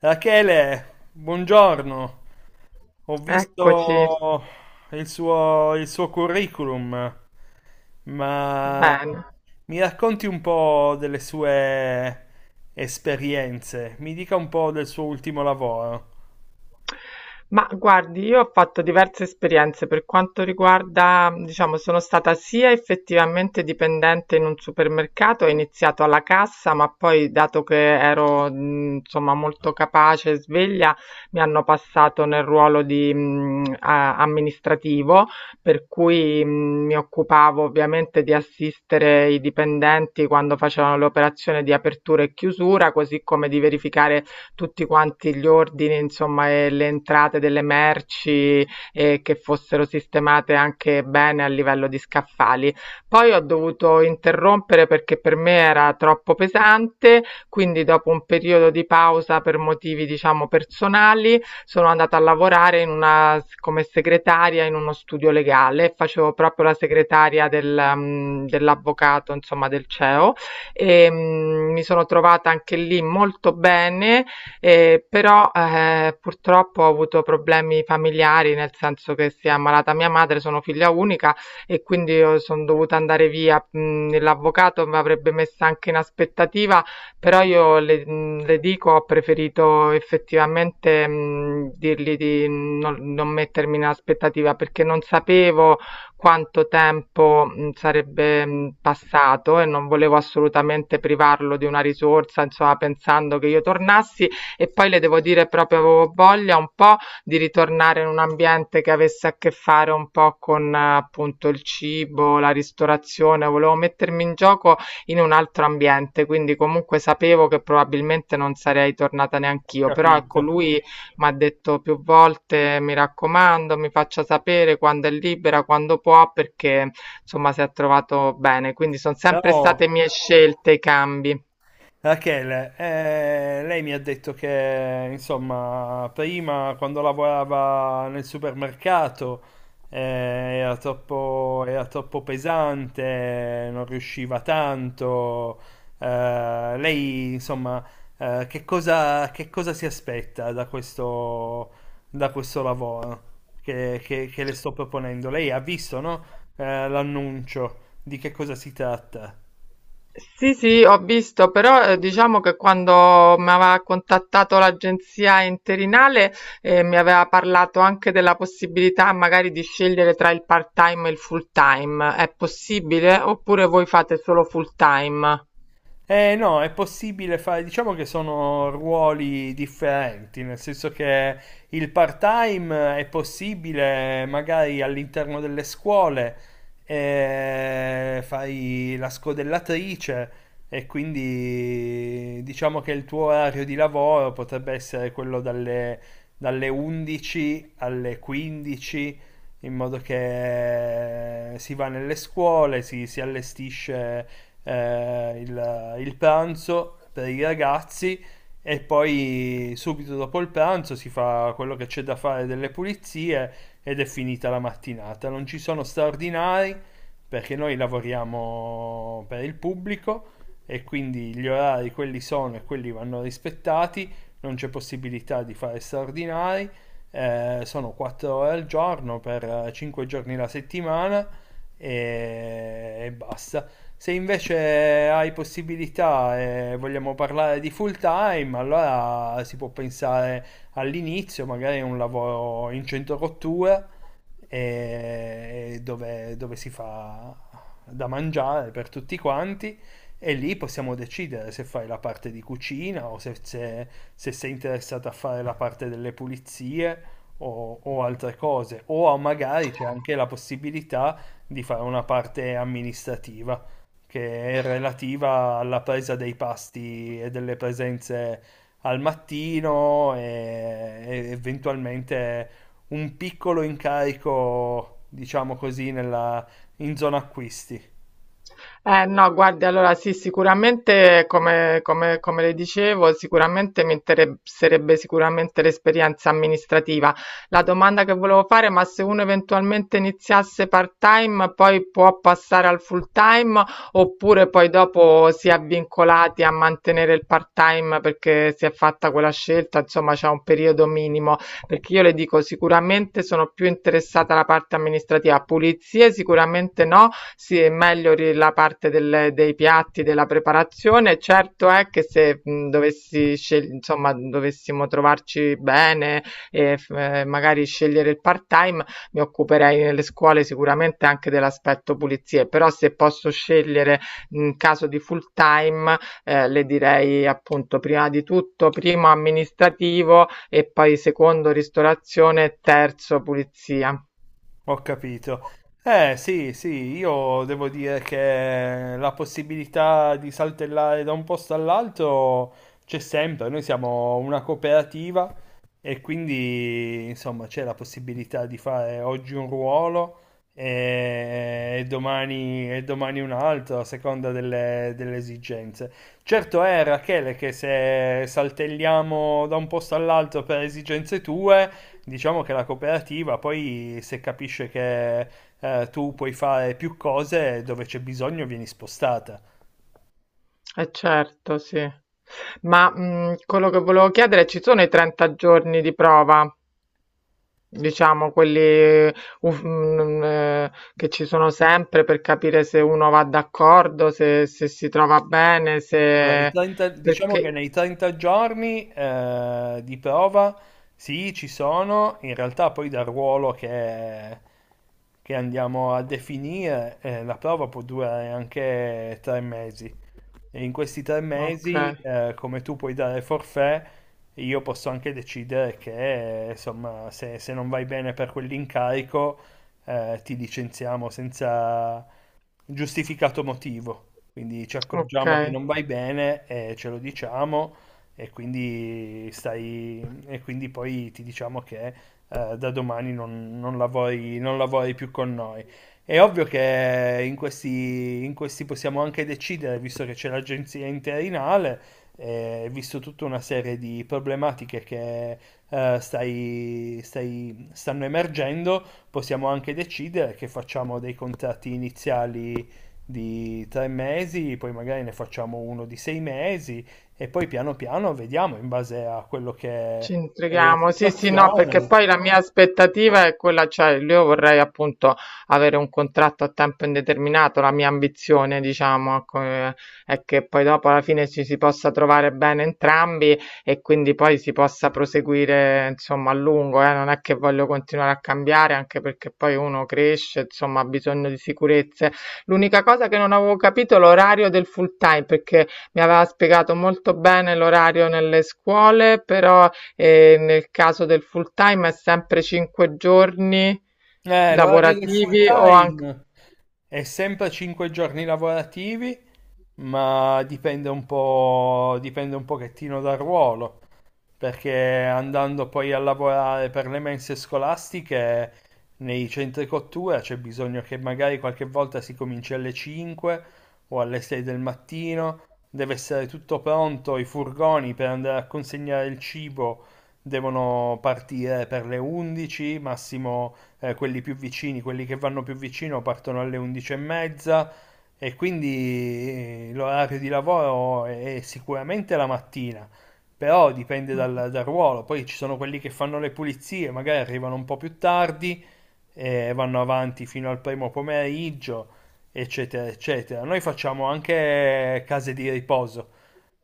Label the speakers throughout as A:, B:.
A: Rachele, buongiorno. Ho
B: Eccoci,
A: visto il suo curriculum, ma
B: bene.
A: mi racconti un po' delle sue esperienze, mi dica un po' del suo ultimo lavoro.
B: Ma guardi, io ho fatto diverse esperienze per quanto riguarda, diciamo, sono stata sia effettivamente dipendente in un supermercato, ho iniziato alla cassa, ma poi dato che ero, insomma, molto capace e sveglia, mi hanno passato nel ruolo di, amministrativo, per cui mi occupavo ovviamente di assistere i dipendenti quando facevano le operazioni di apertura e chiusura, così come di verificare tutti quanti gli ordini, insomma, e le entrate delle merci e che fossero sistemate anche bene a livello di scaffali. Poi ho dovuto interrompere perché per me era troppo pesante, quindi dopo un periodo di pausa per motivi, diciamo, personali, sono andata a lavorare in una, come segretaria in uno studio legale, facevo proprio la segretaria dell'avvocato, insomma, del CEO e mi sono trovata anche lì molto bene però purtroppo ho avuto problemi familiari, nel senso che si è ammalata mia madre, sono figlia unica e quindi io sono dovuta andare via. L'avvocato mi avrebbe messa anche in aspettativa, però io le dico, ho preferito effettivamente dirgli di non mettermi in aspettativa perché non sapevo quanto tempo sarebbe passato e non volevo assolutamente privarlo di una risorsa, insomma, pensando che io tornassi e poi le devo dire proprio avevo voglia un po' di ritornare in un ambiente che avesse a che fare un po' con appunto il cibo, la ristorazione, volevo mettermi in gioco in un altro ambiente, quindi comunque sapevo che probabilmente non sarei tornata
A: Ho
B: neanch'io, però ecco
A: capito.
B: lui mi ha detto più volte mi raccomando, mi faccia sapere quando è libera, quando può, perché insomma si è trovato bene, quindi sono sempre
A: Però
B: state mie scelte i cambi.
A: Rachele, lei mi ha detto che, insomma, prima quando lavorava nel supermercato eh, era troppo pesante, non riusciva tanto. Lei, insomma, che cosa si aspetta da questo lavoro che le sto proponendo? Lei ha visto, no? L'annuncio di che cosa si tratta?
B: Sì, sì, ho visto, però diciamo che quando mi aveva contattato l'agenzia interinale mi aveva parlato anche della possibilità magari di scegliere tra il part-time e il full-time. È possibile oppure voi fate solo full-time?
A: Eh no, è possibile fare, diciamo che sono ruoli differenti, nel senso che il part-time è possibile magari all'interno delle scuole, fai la scodellatrice e quindi diciamo che il tuo orario di lavoro potrebbe essere quello dalle 11 alle 15, in modo che si va nelle scuole, si allestisce il pranzo per i ragazzi e poi subito dopo il pranzo si fa quello che c'è da fare delle pulizie ed è finita la mattinata. Non ci sono straordinari perché noi lavoriamo per il pubblico e quindi gli orari quelli sono e quelli vanno rispettati, non c'è possibilità di fare straordinari, sono 4 ore al giorno per 5 giorni la settimana e basta. Se invece hai possibilità e vogliamo parlare di full time, allora si può pensare all'inizio magari a un lavoro in centro rottura e dove si fa da mangiare per tutti quanti e lì possiamo decidere se fai la parte di cucina o se sei interessato a fare la parte delle pulizie o altre cose. O magari c'è anche la possibilità di fare una parte amministrativa che è relativa alla presa dei pasti e delle presenze al mattino e eventualmente un piccolo incarico, diciamo così, in zona acquisti.
B: No, guardi, allora sì, sicuramente, come le dicevo, sicuramente mi interesserebbe sicuramente l'esperienza amministrativa. La domanda che volevo fare, ma se uno eventualmente iniziasse part-time, poi può passare al full-time oppure poi dopo si è vincolati a mantenere il part-time perché si è fatta quella scelta, insomma, c'è un periodo minimo. Perché io le dico, sicuramente sono più interessata alla parte amministrativa, pulizie sicuramente no, sì, è meglio la parte dei piatti, della preparazione. Certo è che se dovessi insomma, dovessimo trovarci bene e magari scegliere il part-time, mi occuperei nelle scuole sicuramente anche dell'aspetto pulizie, però se posso scegliere in caso di full-time, le direi appunto prima di tutto, primo amministrativo e poi secondo ristorazione, terzo pulizia.
A: Ho capito. Eh sì, sì, io devo dire che la possibilità di saltellare da un posto all'altro c'è sempre. Noi siamo una cooperativa e quindi insomma c'è la possibilità di fare oggi un ruolo e domani un altro a seconda delle esigenze. Certo è, Rachele, che se saltelliamo da un posto all'altro per esigenze tue. Diciamo che la cooperativa poi se capisce che tu puoi fare più cose dove c'è bisogno vieni spostata.
B: Eh certo, sì. Ma quello che volevo chiedere, ci sono i 30 giorni di prova, diciamo, quelli che ci sono sempre per capire se uno va d'accordo, se si trova bene,
A: Allora, i
B: se.
A: 30, diciamo che
B: Perché.
A: nei 30 giorni di prova sì, ci sono, in realtà poi dal ruolo che andiamo a definire la prova può durare anche 3 mesi. E in questi tre
B: Ok,
A: mesi, come tu puoi dare forfait, io posso anche decidere che, insomma, se non vai bene per quell'incarico, ti licenziamo senza giustificato motivo. Quindi ci
B: ok.
A: accorgiamo che non vai bene e ce lo diciamo e quindi stai e quindi poi ti diciamo che da domani non lavori, non lavori più con noi. È ovvio che in questi possiamo anche decidere, visto che c'è l'agenzia interinale, visto tutta una serie di problematiche che stanno emergendo. Possiamo anche decidere che facciamo dei contratti iniziali di 3 mesi, poi magari ne facciamo uno di 6 mesi e poi piano piano vediamo in base a quello che
B: Ci
A: è la
B: intrighiamo, sì, sì, no, perché
A: situazione.
B: poi la mia aspettativa è quella, cioè io vorrei appunto avere un contratto a tempo indeterminato, la mia ambizione, diciamo, ecco, è che poi dopo alla fine ci si possa trovare bene entrambi e quindi poi si possa proseguire, insomma, a lungo, non è che voglio continuare a cambiare, anche perché poi uno cresce, insomma, ha bisogno di sicurezze. L'unica cosa che non avevo capito è l'orario del full time, perché mi aveva spiegato molto bene l'orario nelle scuole, però e nel caso del full time è sempre 5 giorni
A: L'orario del full
B: lavorativi o anche,
A: time è sempre 5 giorni lavorativi ma dipende un po', dipende un pochettino dal ruolo, perché andando poi a lavorare per le mense scolastiche nei centri cottura c'è bisogno che magari qualche volta si cominci alle 5 o alle 6 del mattino, deve essere tutto pronto, i furgoni per andare a consegnare il cibo devono partire per le 11, massimo quelli più vicini, quelli che vanno più vicino partono alle 11 e mezza e quindi l'orario di lavoro è sicuramente la mattina, però dipende dal ruolo. Poi ci sono quelli che fanno le pulizie, magari arrivano un po' più tardi e vanno avanti fino al primo pomeriggio, eccetera, eccetera. Noi facciamo anche case di riposo,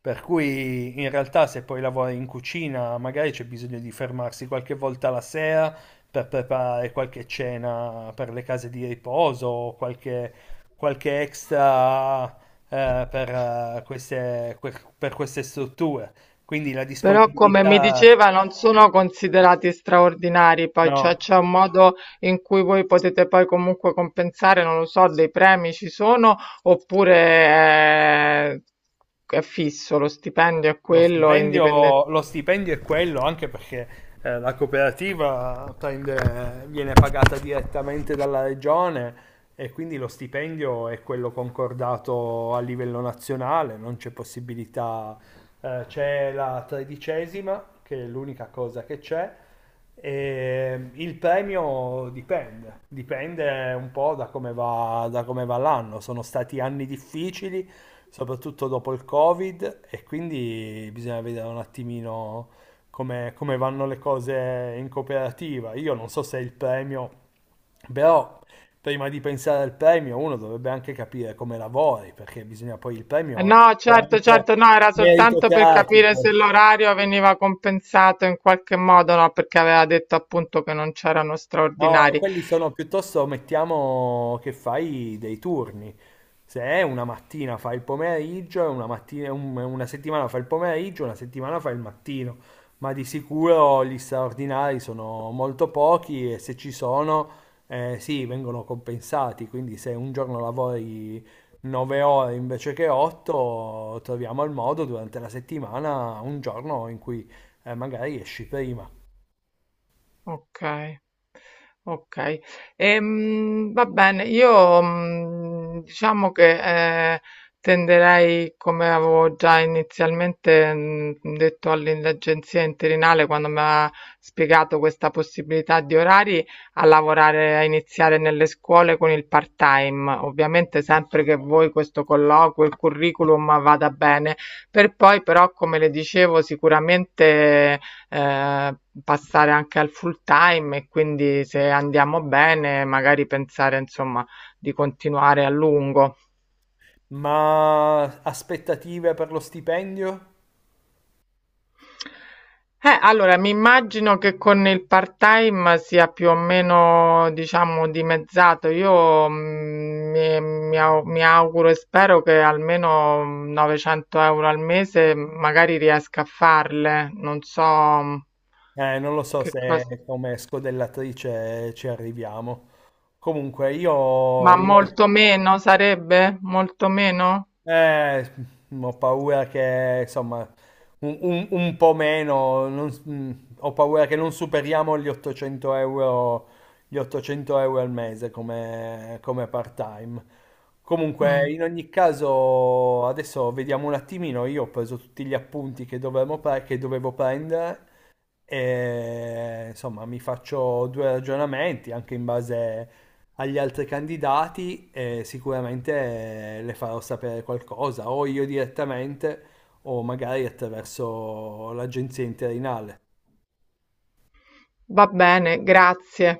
A: per cui in realtà se poi lavori in cucina magari c'è bisogno di fermarsi qualche volta la sera per preparare qualche cena per le case di riposo o qualche extra per queste strutture. Quindi la
B: però come mi
A: disponibilità,
B: diceva non sono considerati straordinari, poi
A: no.
B: cioè c'è un modo in cui voi potete poi comunque compensare, non lo so, dei premi ci sono oppure è fisso, lo stipendio è
A: Lo
B: quello, è indipendente.
A: stipendio, lo stipendio è quello, anche perché la cooperativa viene pagata direttamente dalla regione e quindi lo stipendio è quello concordato a livello nazionale, non c'è possibilità, c'è la tredicesima, che è l'unica cosa che c'è. E il premio dipende, dipende un po' da come va l'anno. Sono stati anni difficili, soprattutto dopo il Covid, e quindi bisogna vedere un attimino come vanno le cose in cooperativa. Io non so se il premio, però prima di pensare al premio uno dovrebbe anche capire come lavori, perché bisogna poi il premio
B: No, certo,
A: veramente
B: certo, no, era
A: merito
B: soltanto per capire
A: cratico.
B: se l'orario veniva compensato in qualche modo, no, perché aveva detto appunto che non c'erano
A: No,
B: straordinari.
A: quelli sono piuttosto, mettiamo che fai dei turni. Se è una mattina fai il pomeriggio, e una settimana fai il pomeriggio, una settimana fai il mattino. Ma di sicuro gli straordinari sono molto pochi e se ci sono, eh sì, vengono compensati. Quindi se un giorno lavori 9 ore invece che 8, troviamo il modo durante la settimana, un giorno in cui magari esci prima.
B: Ok. Okay. Va bene, io, diciamo che, ehm, tenderei, come avevo già inizialmente, detto all'agenzia interinale quando m'ha spiegato questa possibilità di orari, a lavorare a iniziare nelle scuole con il part-time. Ovviamente sempre che voi questo colloquio, il curriculum vada bene. Per poi però, come le dicevo, sicuramente eh, passare anche al full time e quindi se andiamo bene magari pensare insomma di continuare a lungo.
A: Ma aspettative per lo stipendio?
B: Allora, mi immagino che con il part-time sia più o meno, diciamo, dimezzato. Io mi auguro e spero che almeno 900 euro al mese magari riesca a farle. Non so
A: Non lo so
B: che
A: se
B: cosa,
A: come scodellatrice ci arriviamo. Comunque,
B: ma molto meno sarebbe? Molto meno?
A: eh, ho paura che, insomma, un po' meno, non s- mm, ho paura che non superiamo gli 800 euro, gli 800 euro al mese come part-time. Comunque,
B: Mm,
A: in ogni caso, adesso vediamo un attimino, io ho preso tutti gli appunti che dovevo, che dovevo prendere e, insomma, mi faccio due ragionamenti anche in base agli altri candidati e sicuramente le farò sapere qualcosa, o io direttamente o magari attraverso l'agenzia interinale.
B: Va bene, grazie.